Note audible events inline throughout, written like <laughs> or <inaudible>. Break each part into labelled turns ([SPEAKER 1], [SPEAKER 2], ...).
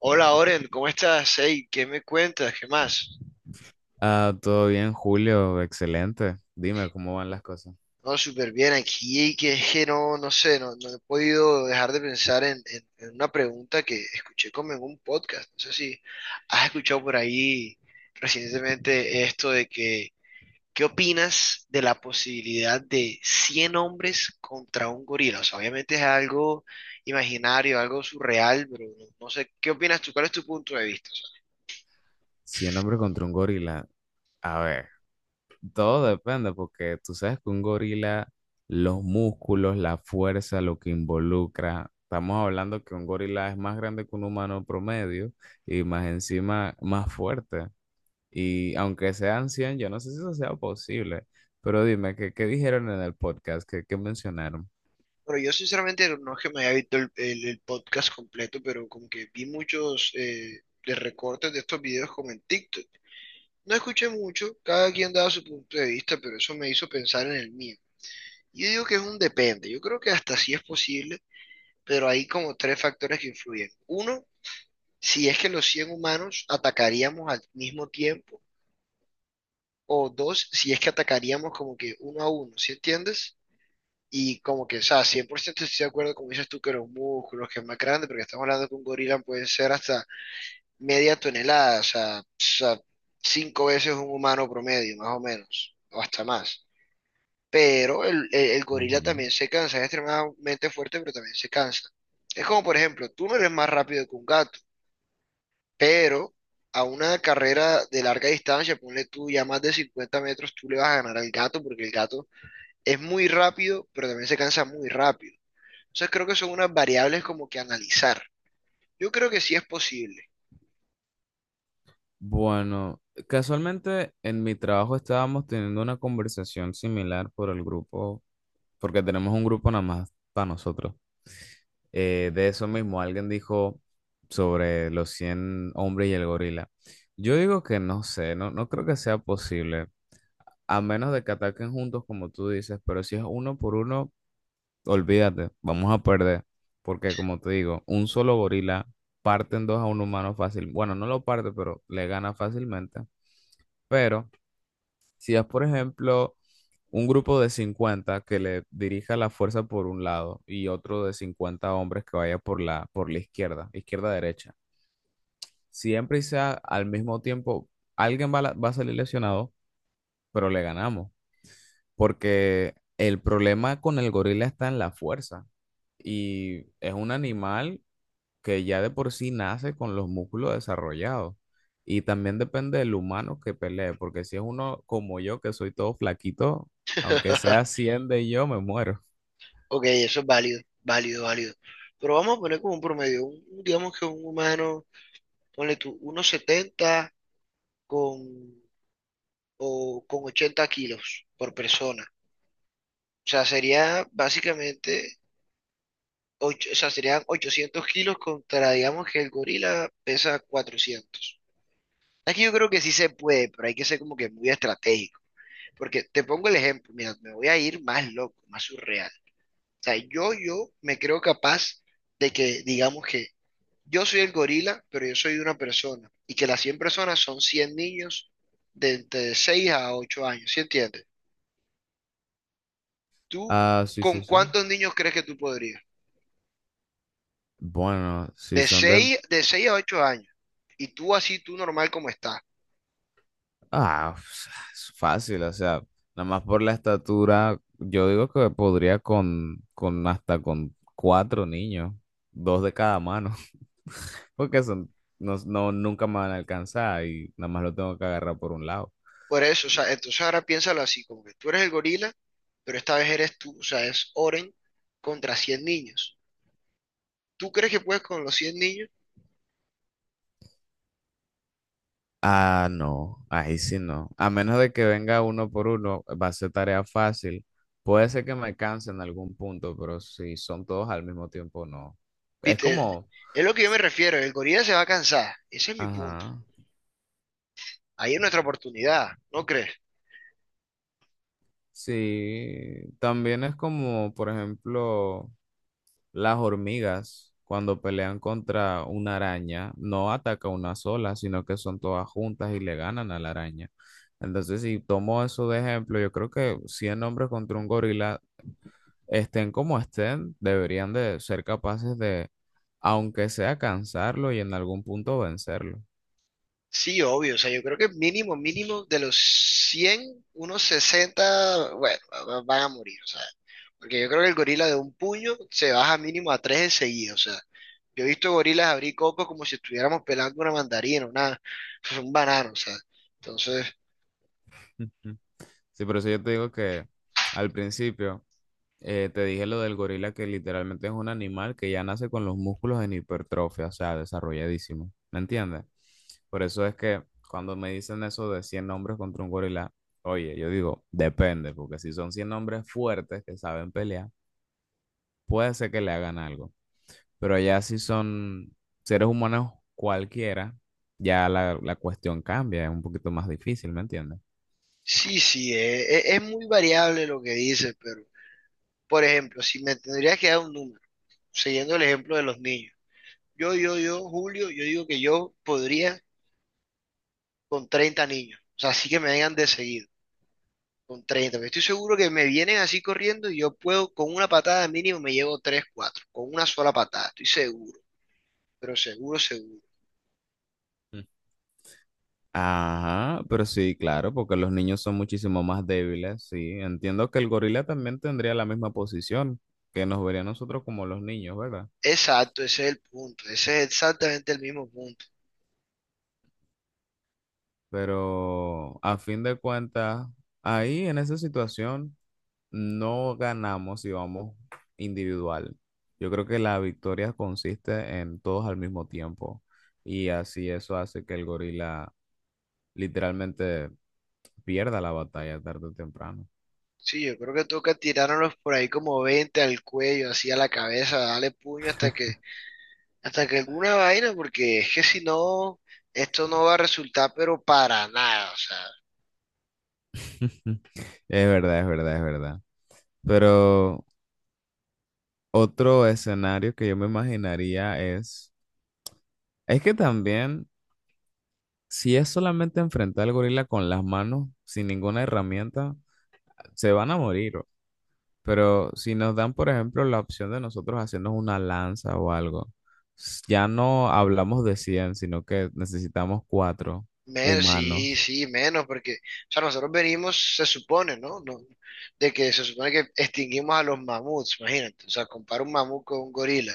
[SPEAKER 1] Hola Oren, ¿cómo estás? Ey, ¿qué me cuentas? ¿Qué más?
[SPEAKER 2] Ah, todo bien, Julio, excelente. Dime cómo van las cosas.
[SPEAKER 1] No, súper bien aquí, que es que no, no sé, no, no he podido dejar de pensar en una pregunta que escuché como en un podcast. No sé si has escuchado por ahí recientemente esto de que, ¿qué opinas de la posibilidad de 100 hombres contra un gorila? O sea, obviamente es algo imaginario, algo surreal, pero no, no sé, ¿qué opinas tú? ¿Cuál es tu punto de vista?
[SPEAKER 2] Si un hombre contra un gorila, a ver, todo depende porque tú sabes que un gorila, los músculos, la fuerza, lo que involucra, estamos hablando que un gorila es más grande que un humano promedio y más encima más fuerte. Y aunque sean 100, yo no sé si eso sea posible, pero dime, ¿qué dijeron en el podcast? ¿Qué mencionaron?
[SPEAKER 1] Bueno, yo sinceramente no es que me haya visto el podcast completo, pero como que vi muchos de recortes de estos videos como en TikTok. No escuché mucho, cada quien daba su punto de vista, pero eso me hizo pensar en el mío. Y yo digo que es un depende, yo creo que hasta sí es posible, pero hay como tres factores que influyen. Uno, si es que los 100 humanos atacaríamos al mismo tiempo, o dos, si es que atacaríamos como que uno a uno, ¿sí entiendes? Y como que, o sea, 100% estoy de acuerdo, como dices tú, que los músculos, que es más grande, porque estamos hablando que un gorila puede ser hasta media tonelada, o sea, cinco veces un humano promedio, más o menos, o hasta más. Pero el gorila
[SPEAKER 2] Ujú.
[SPEAKER 1] también se cansa, es extremadamente fuerte, pero también se cansa. Es como, por ejemplo, tú no eres más rápido que un gato, pero a una carrera de larga distancia, ponle tú ya más de 50 metros, tú le vas a ganar al gato, porque el gato es muy rápido, pero también se cansa muy rápido. Entonces creo que son unas variables como que analizar. Yo creo que sí es posible.
[SPEAKER 2] Bueno, casualmente en mi trabajo estábamos teniendo una conversación similar por el grupo, porque tenemos un grupo nada más para nosotros. De eso mismo, alguien dijo sobre los 100 hombres y el gorila. Yo digo que no sé, no, no creo que sea posible, a menos de que ataquen juntos como tú dices, pero si es uno por uno, olvídate, vamos a perder, porque como te digo, un solo gorila parte en dos a un humano fácil. Bueno, no lo parte, pero le gana fácilmente. Pero si es, por ejemplo, un grupo de 50 que le dirija la fuerza por un lado y otro de 50 hombres que vaya por la izquierda, izquierda-derecha, siempre y sea al mismo tiempo, alguien va, va a salir lesionado, pero le ganamos. Porque el problema con el gorila está en la fuerza y es un animal que ya de por sí nace con los músculos desarrollados. Y también depende del humano que pelee, porque si es uno como yo, que soy todo flaquito, aunque sea
[SPEAKER 1] <laughs>
[SPEAKER 2] 100 de yo, me muero.
[SPEAKER 1] Ok, eso es válido, válido, válido. Pero vamos a poner como un promedio, digamos que un humano, ponle tú, unos 70 con, o, con 80 kilos por persona. O sea, sería básicamente, o sea, serían 800 kilos contra, digamos que el gorila pesa 400. Aquí yo creo que sí se puede, pero hay que ser como que muy estratégico. Porque te pongo el ejemplo, mira, me voy a ir más loco, más surreal. Sea, yo me creo capaz de que, digamos que yo soy el gorila, pero yo soy una persona y que las 100 personas son 100 niños de entre 6 a 8 años, ¿sí entiendes? ¿Tú
[SPEAKER 2] Ah, sí,
[SPEAKER 1] con
[SPEAKER 2] sí, sí.
[SPEAKER 1] cuántos niños crees que tú podrías?
[SPEAKER 2] Bueno, si
[SPEAKER 1] De
[SPEAKER 2] son de...
[SPEAKER 1] seis, de 6 a 8 años. Y tú así, tú normal como estás.
[SPEAKER 2] Ah, pues, es fácil, o sea, nada más por la estatura, yo digo que podría con hasta con 4 niños, dos de cada mano, <laughs> porque son, no, no, nunca me van a alcanzar y nada más lo tengo que agarrar por un lado.
[SPEAKER 1] Por eso, o sea, entonces ahora piénsalo así, como que tú eres el gorila, pero esta vez eres tú, o sea, es Oren contra 100 niños. ¿Tú crees que puedes con los 100 niños?
[SPEAKER 2] Ah, no, ahí sí no. A menos de que venga uno por uno, va a ser tarea fácil. Puede ser que me canse en algún punto, pero si son todos al mismo tiempo, no. Es
[SPEAKER 1] Viste,
[SPEAKER 2] como,
[SPEAKER 1] es lo que yo me refiero, el gorila se va a cansar, ese es mi punto.
[SPEAKER 2] ajá,
[SPEAKER 1] Ahí es nuestra oportunidad, ¿no crees?
[SPEAKER 2] sí. También es como, por ejemplo, las hormigas, cuando pelean contra una araña, no ataca una sola, sino que son todas juntas y le ganan a la araña. Entonces, si tomo eso de ejemplo, yo creo que 100 hombres contra un gorila estén como estén, deberían de ser capaces de, aunque sea cansarlo y en algún punto vencerlo.
[SPEAKER 1] Sí, obvio, o sea, yo creo que mínimo, mínimo de los 100, unos 60, bueno, van a morir, o sea, porque yo creo que el gorila de un puño se baja mínimo a tres enseguida, o sea, yo he visto gorilas abrir copos como si estuviéramos pelando una mandarina, una, <laughs> un banano, o sea, entonces,
[SPEAKER 2] Ujú. Sí, por eso yo te digo que al principio te dije lo del gorila que literalmente es un animal que ya nace con los músculos en hipertrofia, o sea, desarrolladísimo. ¿Me entiendes? Por eso es que cuando me dicen eso de 100 hombres contra un gorila, oye, yo digo, depende, porque si son 100 hombres fuertes que saben pelear, puede ser que le hagan algo. Pero allá si son seres humanos cualquiera, ya la cuestión cambia, es un poquito más difícil, ¿me entiendes?
[SPEAKER 1] sí, sí, es muy variable lo que dices, pero, por ejemplo, si me tendrías que dar un número, siguiendo el ejemplo de los niños. Yo, Julio, yo digo que yo podría con 30 niños. O sea, así que me vengan de seguido, con 30. Pero estoy seguro que me vienen así corriendo y yo puedo, con una patada mínimo, me llevo 3, 4, con una sola patada, estoy seguro. Pero seguro, seguro.
[SPEAKER 2] Mm. Ajá, pero sí, claro, porque los niños son muchísimo más débiles, sí. Entiendo que el gorila también tendría la misma posición, que nos vería a nosotros como los niños, ¿verdad?
[SPEAKER 1] Exacto, ese es el punto. Ese es exactamente el mismo punto.
[SPEAKER 2] Pero a fin de cuentas, ahí en esa situación... No ganamos si vamos individual. Yo creo que la victoria consiste en todos al mismo tiempo y así eso hace que el gorila literalmente pierda la batalla tarde o temprano.
[SPEAKER 1] Sí, yo creo que toca tirárnoslos por ahí como 20 al cuello, así a la cabeza, darle puño hasta que, hasta que alguna vaina, porque es que si no, esto no va a resultar, pero para nada, o sea,
[SPEAKER 2] <laughs> Es verdad, es verdad, es verdad. Pero otro escenario que yo me imaginaría es que también si es solamente enfrentar al gorila con las manos, sin ninguna herramienta, se van a morir. Pero si nos dan, por ejemplo, la opción de nosotros hacernos una lanza o algo, ya no hablamos de 100 sino que necesitamos 4
[SPEAKER 1] menos, sí,
[SPEAKER 2] humanos.
[SPEAKER 1] sí, menos, porque, o sea, nosotros venimos, se supone, ¿no? No, de que se supone que extinguimos a los mamuts, imagínate, o sea, compara un mamut con un gorila,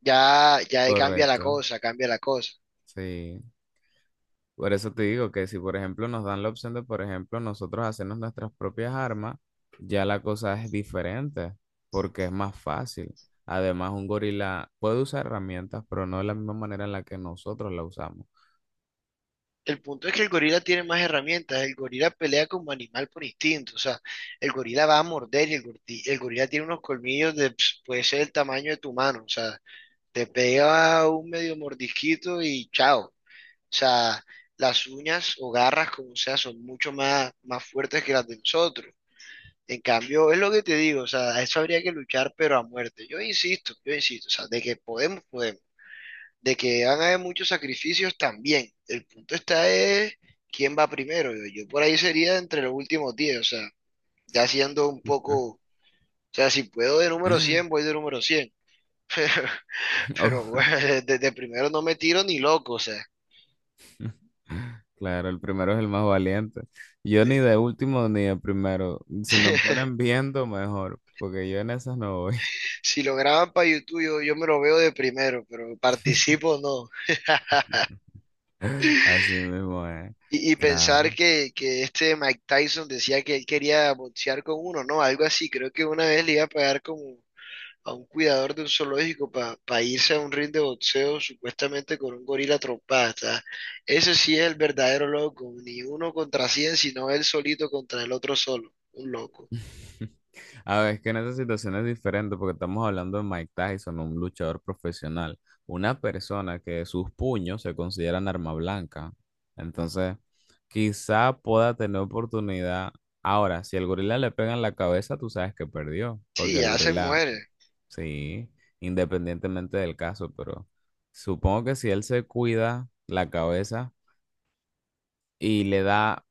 [SPEAKER 1] ya, ya ahí cambia la
[SPEAKER 2] Correcto,
[SPEAKER 1] cosa, cambia la cosa.
[SPEAKER 2] sí. Por eso te digo que si, por ejemplo, nos dan la opción de, por ejemplo, nosotros hacernos nuestras propias armas, ya la cosa es diferente, porque es más fácil. Además, un gorila puede usar herramientas, pero no de la misma manera en la que nosotros la usamos.
[SPEAKER 1] El punto es que el gorila tiene más herramientas, el gorila pelea como animal por instinto, o sea, el gorila va a morder y el, el gorila tiene unos colmillos de, pss, puede ser el tamaño de tu mano, o sea, te pega un medio mordisquito y chao. O sea, las uñas o garras, como sea, son mucho más, más fuertes que las de nosotros. En cambio, es lo que te digo, o sea, a eso habría que luchar, pero a muerte. Yo insisto, o sea, de que podemos, podemos. De que van a haber muchos sacrificios también. El punto está es quién va primero. Yo por ahí sería entre los últimos 10, o sea, ya siendo un poco, o sea, si puedo de número 100 voy de número 100, <laughs> pero
[SPEAKER 2] <laughs>
[SPEAKER 1] bueno, desde primero no me tiro ni loco, o sea.
[SPEAKER 2] Claro, el primero es el más valiente. Yo
[SPEAKER 1] Eh,
[SPEAKER 2] ni de último ni de primero. Si me
[SPEAKER 1] <laughs>
[SPEAKER 2] ponen viendo, mejor, porque yo en esas no voy.
[SPEAKER 1] si lo graban para YouTube, yo me lo veo de primero, pero participo no.
[SPEAKER 2] <laughs> Así mismo es.
[SPEAKER 1] Y
[SPEAKER 2] Claro.
[SPEAKER 1] pensar que este Mike Tyson decía que él quería boxear con uno, ¿no? Algo así. Creo que una vez le iba a pagar como a un cuidador de un zoológico para irse a un ring de boxeo supuestamente con un gorila trompada. ¿Sabes? Ese sí es el verdadero loco. Ni uno contra cien, sino él solito contra el otro solo. Un loco.
[SPEAKER 2] <laughs> A ver, es que en esa situación es diferente porque estamos hablando de Mike Tyson, un luchador profesional, una persona que sus puños se consideran arma blanca. Entonces, quizá pueda tener oportunidad. Ahora, si el gorila le pega en la cabeza, tú sabes que perdió,
[SPEAKER 1] Sí,
[SPEAKER 2] porque el
[SPEAKER 1] ya se
[SPEAKER 2] gorila...
[SPEAKER 1] muere.
[SPEAKER 2] Sí, independientemente del caso, pero supongo que si él se cuida la cabeza y le da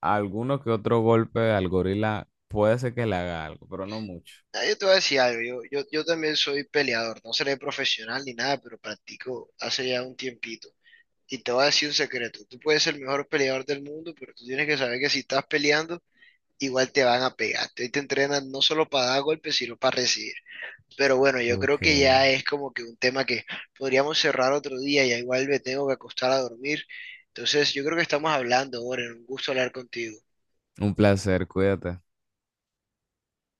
[SPEAKER 2] alguno que otro golpe al gorila, puede ser que le haga algo, pero no mucho.
[SPEAKER 1] Ah, yo te voy a decir algo, yo también soy peleador, no seré profesional ni nada, pero practico hace ya un tiempito. Y te voy a decir un secreto, tú puedes ser el mejor peleador del mundo, pero tú tienes que saber que si estás peleando, igual te van a pegar. Te entrenan no solo para dar golpes, sino para recibir. Pero bueno, yo creo
[SPEAKER 2] Ok.
[SPEAKER 1] que ya es como que un tema que podríamos cerrar otro día, ya igual me tengo que acostar a dormir. Entonces, yo creo que estamos hablando, Oren, un gusto hablar contigo.
[SPEAKER 2] Un placer, cuídate.